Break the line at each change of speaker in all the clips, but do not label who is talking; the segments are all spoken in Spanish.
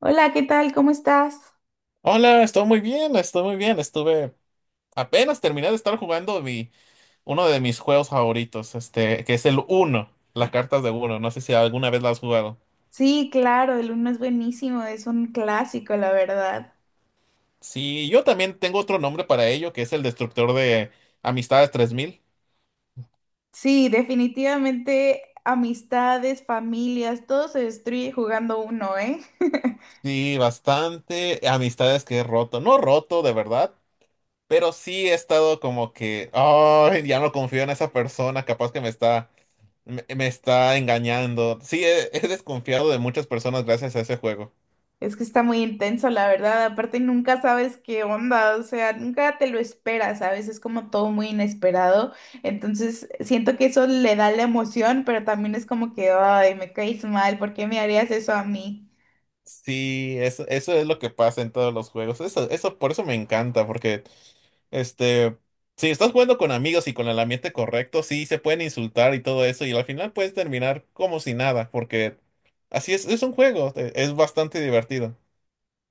Hola, ¿qué tal? ¿Cómo estás?
Hola, estoy muy bien, estoy muy bien. Estuve Apenas terminé de estar jugando uno de mis juegos favoritos, que es el Uno, las cartas de Uno. No sé si alguna vez las has jugado.
Sí, claro, el uno es buenísimo, es un clásico, la verdad.
Sí, yo también tengo otro nombre para ello, que es el Destructor de Amistades 3000.
Sí, definitivamente amistades, familias, todo se destruye jugando uno, ¿eh?
Sí, bastante amistades que he roto. No roto, de verdad, pero sí he estado como que, oh, ya no confío en esa persona, capaz que me está engañando. Sí, he desconfiado de muchas personas gracias a ese juego.
Es que está muy intenso, la verdad. Aparte, nunca sabes qué onda, o sea, nunca te lo esperas, ¿sabes? Es como todo muy inesperado. Entonces, siento que eso le da la emoción, pero también es como que, ay, me caes mal, ¿por qué me harías eso a mí?
Sí, eso es lo que pasa en todos los juegos. Por eso me encanta, porque este, si estás jugando con amigos y con el ambiente correcto, sí se pueden insultar y todo eso, y al final puedes terminar como si nada, porque así es un juego, es bastante divertido.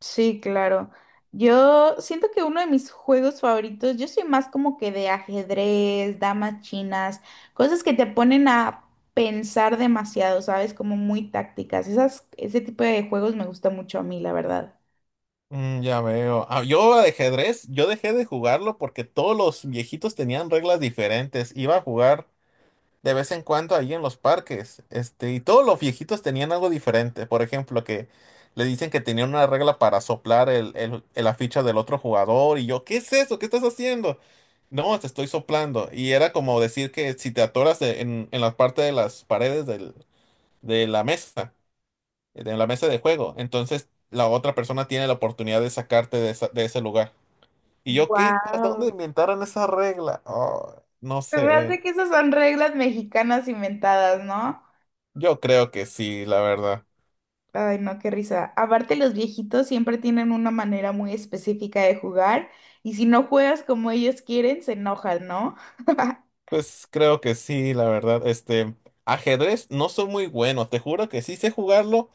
Sí, claro. Yo siento que uno de mis juegos favoritos, yo soy más como que de ajedrez, damas chinas, cosas que te ponen a pensar demasiado, ¿sabes? Como muy tácticas. Esas, ese tipo de juegos me gusta mucho a mí, la verdad.
Mm, ya veo. Ah, yo de ajedrez, yo dejé de jugarlo porque todos los viejitos tenían reglas diferentes. Iba a jugar de vez en cuando ahí en los parques. Y todos los viejitos tenían algo diferente. Por ejemplo, que le dicen que tenían una regla para soplar la ficha del otro jugador. Y yo, ¿qué es eso? ¿Qué estás haciendo? No, te estoy soplando. Y era como decir que si te atoras en la parte de las paredes de la mesa de juego, entonces la otra persona tiene la oportunidad de sacarte de ese lugar. Y yo, ¿qué? ¿A ¿Dónde
Wow.
inventaron esa regla? Oh, no
Se me
sé.
hace que esas son reglas mexicanas inventadas, ¿no?
Yo creo que sí, la verdad.
Ay, no, qué risa. Aparte, los viejitos siempre tienen una manera muy específica de jugar y si no juegas como ellos quieren, se enojan, ¿no?
Pues creo que sí, la verdad. Ajedrez no soy muy bueno, te juro que sí sé jugarlo,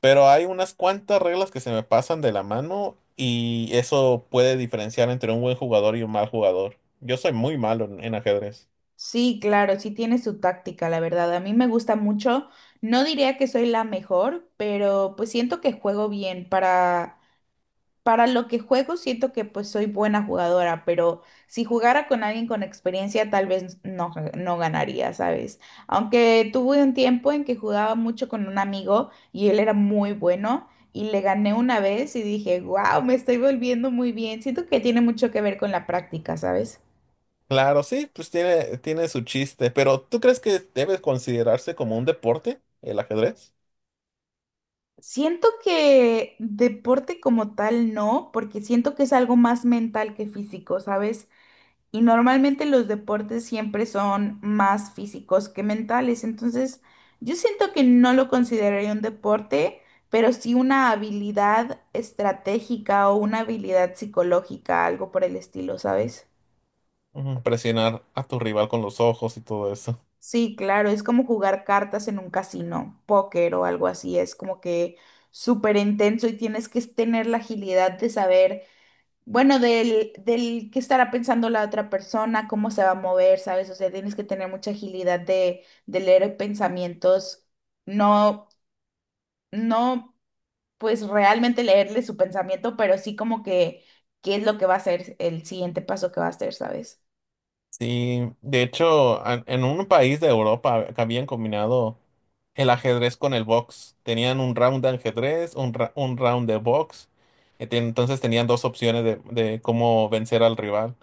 pero hay unas cuantas reglas que se me pasan de la mano y eso puede diferenciar entre un buen jugador y un mal jugador. Yo soy muy malo en ajedrez.
Sí, claro, sí tiene su táctica, la verdad. A mí me gusta mucho. No diría que soy la mejor, pero pues siento que juego bien. Para lo que juego, siento que pues soy buena jugadora, pero si jugara con alguien con experiencia, tal vez no, no ganaría, ¿sabes? Aunque tuve un tiempo en que jugaba mucho con un amigo y él era muy bueno y le gané una vez y dije, wow, me estoy volviendo muy bien. Siento que tiene mucho que ver con la práctica, ¿sabes?
Claro, sí, pues tiene su chiste, pero ¿tú crees que debe considerarse como un deporte el ajedrez?
Siento que deporte como tal no, porque siento que es algo más mental que físico, ¿sabes? Y normalmente los deportes siempre son más físicos que mentales, entonces yo siento que no lo consideraría un deporte, pero sí una habilidad estratégica o una habilidad psicológica, algo por el estilo, ¿sabes?
Ujú, presionar a tu rival con los ojos y todo eso.
Sí, claro, es como jugar cartas en un casino, póker o algo así, es como que súper intenso y tienes que tener la agilidad de saber bueno, del qué estará pensando la otra persona, cómo se va a mover, ¿sabes? O sea, tienes que tener mucha agilidad de leer pensamientos, no, no, pues realmente leerle su pensamiento, pero sí como que qué es lo que va a ser el siguiente paso que va a hacer, ¿sabes?
Sí, de hecho, en un país de Europa habían combinado el ajedrez con el box. Tenían un round de ajedrez, un round de box. Entonces tenían dos opciones de cómo vencer al rival.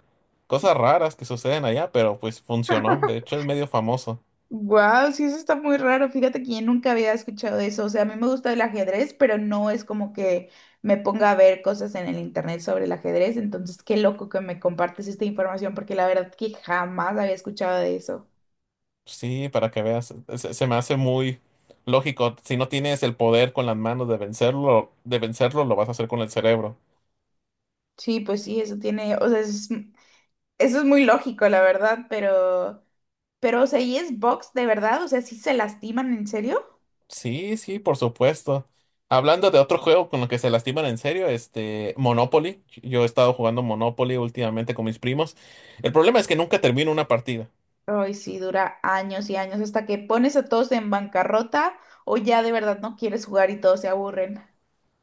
Cosas raras que suceden allá, pero pues funcionó. De hecho, es medio famoso.
Wow, sí, eso está muy raro. Fíjate que yo nunca había escuchado eso. O sea, a mí me gusta el ajedrez, pero no es como que me ponga a ver cosas en el internet sobre el ajedrez. Entonces, qué loco que me compartes esta información, porque la verdad que jamás había escuchado de eso.
Sí, para que veas. Se me hace muy lógico. Si no tienes el poder con las manos de vencerlo, lo vas a hacer con el cerebro.
Sí, pues sí, eso tiene, o sea, eso es muy lógico, la verdad, pero, o sea, ¿y es box de verdad? O sea, ¿sí se lastiman en serio?
Sí, sí, por supuesto. Hablando de otro juego con lo que se lastiman en serio, Monopoly. Yo he estado jugando Monopoly últimamente con mis primos. El problema es que nunca termino una partida.
Ay, sí, dura años y años hasta que pones a todos en bancarrota o ya de verdad no quieres jugar y todos se aburren.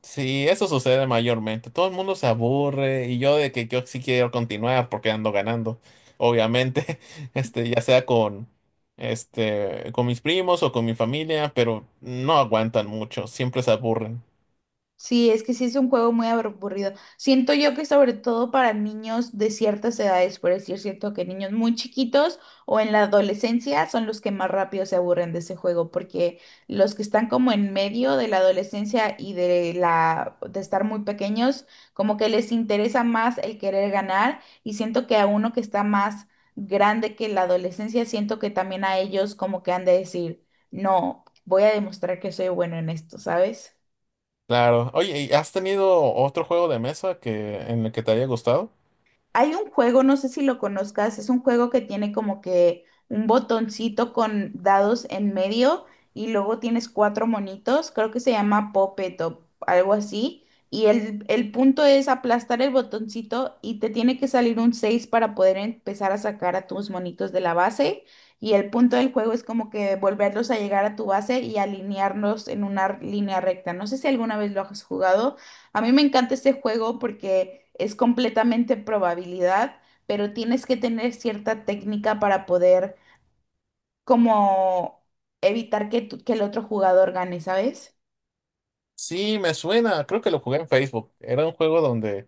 Sí, eso sucede mayormente. Todo el mundo se aburre y yo de que yo sí quiero continuar porque ando ganando, obviamente, ya sea con mis primos o con mi familia, pero no aguantan mucho, siempre se aburren.
Sí, es que sí es un juego muy aburrido. Siento yo que sobre todo para niños de ciertas edades, por decir, siento que niños muy chiquitos o en la adolescencia son los que más rápido se aburren de ese juego, porque los que están como en medio de la adolescencia y de la de estar muy pequeños, como que les interesa más el querer ganar y siento que a uno que está más grande que la adolescencia, siento que también a ellos como que han de decir, "No, voy a demostrar que soy bueno en esto", ¿sabes?
Claro. Oye, ¿y has tenido otro juego de mesa que en el que te haya gustado?
Hay un juego, no sé si lo conozcas, es un juego que tiene como que un botoncito con dados en medio y luego tienes cuatro monitos, creo que se llama Puppet o algo así. Y el punto es aplastar el botoncito y te tiene que salir un 6 para poder empezar a sacar a tus monitos de la base. Y el punto del juego es como que volverlos a llegar a tu base y alinearlos en una línea recta. No sé si alguna vez lo has jugado. A mí me encanta este juego porque es completamente probabilidad, pero tienes que tener cierta técnica para poder como evitar que, que el otro jugador gane, ¿sabes?
Sí, me suena, creo que lo jugué en Facebook. Era un juego donde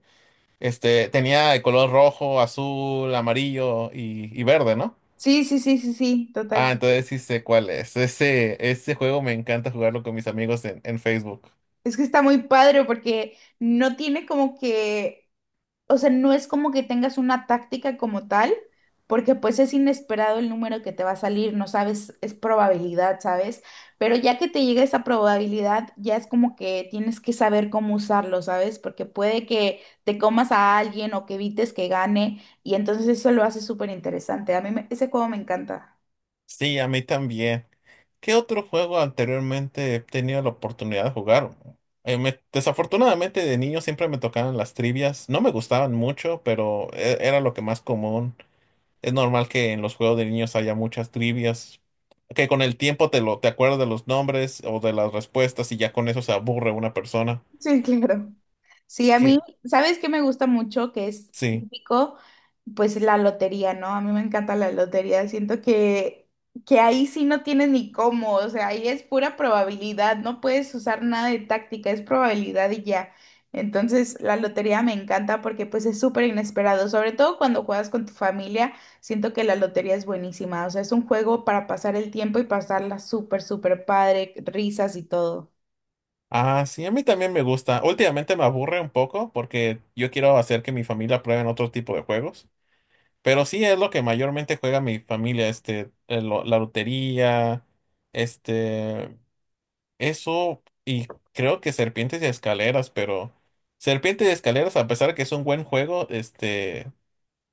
este tenía el color rojo, azul, amarillo y verde, ¿no?
Sí, sí, sí, sí, sí,
Ah,
totalmente.
entonces sí sé cuál es. Ese juego me encanta jugarlo con mis amigos en Facebook.
Es que está muy padre porque no tiene como que, o sea, no es como que tengas una táctica como tal, porque pues es inesperado el número que te va a salir, no sabes, es probabilidad, ¿sabes? Pero ya que te llega esa probabilidad, ya es como que tienes que saber cómo usarlo, ¿sabes? Porque puede que te comas a alguien o que evites que gane, y entonces eso lo hace súper interesante. A mí ese juego me encanta.
Sí, a mí también. ¿Qué otro juego anteriormente he tenido la oportunidad de jugar? Desafortunadamente de niño siempre me tocaban las trivias. No me gustaban mucho, pero era lo que más común. Es normal que en los juegos de niños haya muchas trivias, que con el tiempo te acuerdas de los nombres o de las respuestas y ya con eso se aburre una persona.
Sí, claro. Sí, a mí,
Que
¿sabes qué me gusta mucho? Que es
sí.
típico, pues la lotería, ¿no? A mí me encanta la lotería. Siento que ahí sí no tienes ni cómo, o sea, ahí es pura probabilidad, no puedes usar nada de táctica, es probabilidad y ya. Entonces, la lotería me encanta porque pues es súper inesperado, sobre todo cuando juegas con tu familia, siento que la lotería es buenísima, o sea, es un juego para pasar el tiempo y pasarla súper, súper padre, risas y todo.
Ah, sí, a mí también me gusta. Últimamente me aburre un poco porque yo quiero hacer que mi familia pruebe otro tipo de juegos. Pero sí es lo que mayormente juega mi familia, la lotería, este, eso y creo que serpientes y escaleras, pero serpientes y escaleras, a pesar de que es un buen juego, este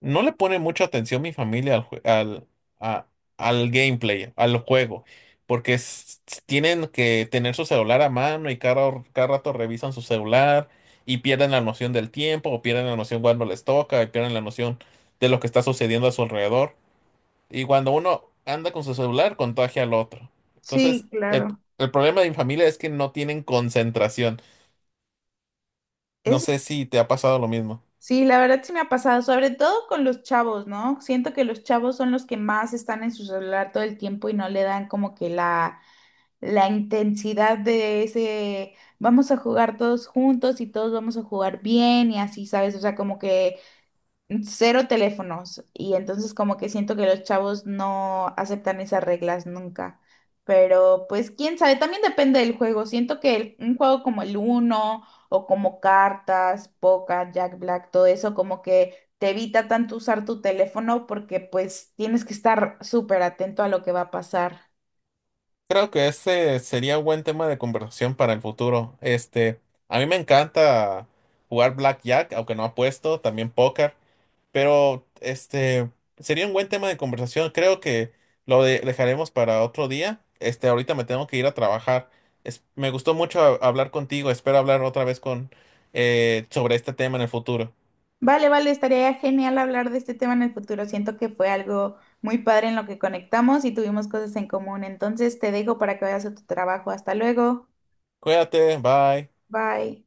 No le pone mucha atención mi familia a- al gameplay, al juego, porque tienen que tener su celular a mano y cada rato revisan su celular y pierden la noción del tiempo o pierden la noción cuando les toca y pierden la noción de lo que está sucediendo a su alrededor. Y cuando uno anda con su celular, contagia al otro. Entonces,
Sí,
el,
claro.
el problema de mi familia es que no tienen concentración. No
Es
sé si te ha pasado lo mismo.
sí, la verdad sí me ha pasado, sobre todo con los chavos, ¿no? Siento que los chavos son los que más están en su celular todo el tiempo y no le dan como que la intensidad de ese, vamos a jugar todos juntos y todos vamos a jugar bien y así, ¿sabes? O sea, como que cero teléfonos. Y entonces como que siento que los chavos no aceptan esas reglas nunca. Pero pues quién sabe, también depende del juego. Siento que un juego como el Uno o como cartas, Poker, Jack Black, todo eso como que te evita tanto usar tu teléfono porque pues tienes que estar súper atento a lo que va a pasar.
Creo que ese sería un buen tema de conversación para el futuro. A mí me encanta jugar blackjack, aunque no apuesto, también póker, pero este sería un buen tema de conversación. Creo que lo dejaremos para otro día. Ahorita me tengo que ir a trabajar. Me gustó mucho hablar contigo. Espero hablar otra vez con sobre este tema en el futuro.
Vale, vale, estaría genial hablar de este tema en el futuro. Siento que fue algo muy padre en lo que conectamos y tuvimos cosas en común. Entonces te dejo para que vayas a tu trabajo. Hasta luego.
Cuídate, bye.
Bye.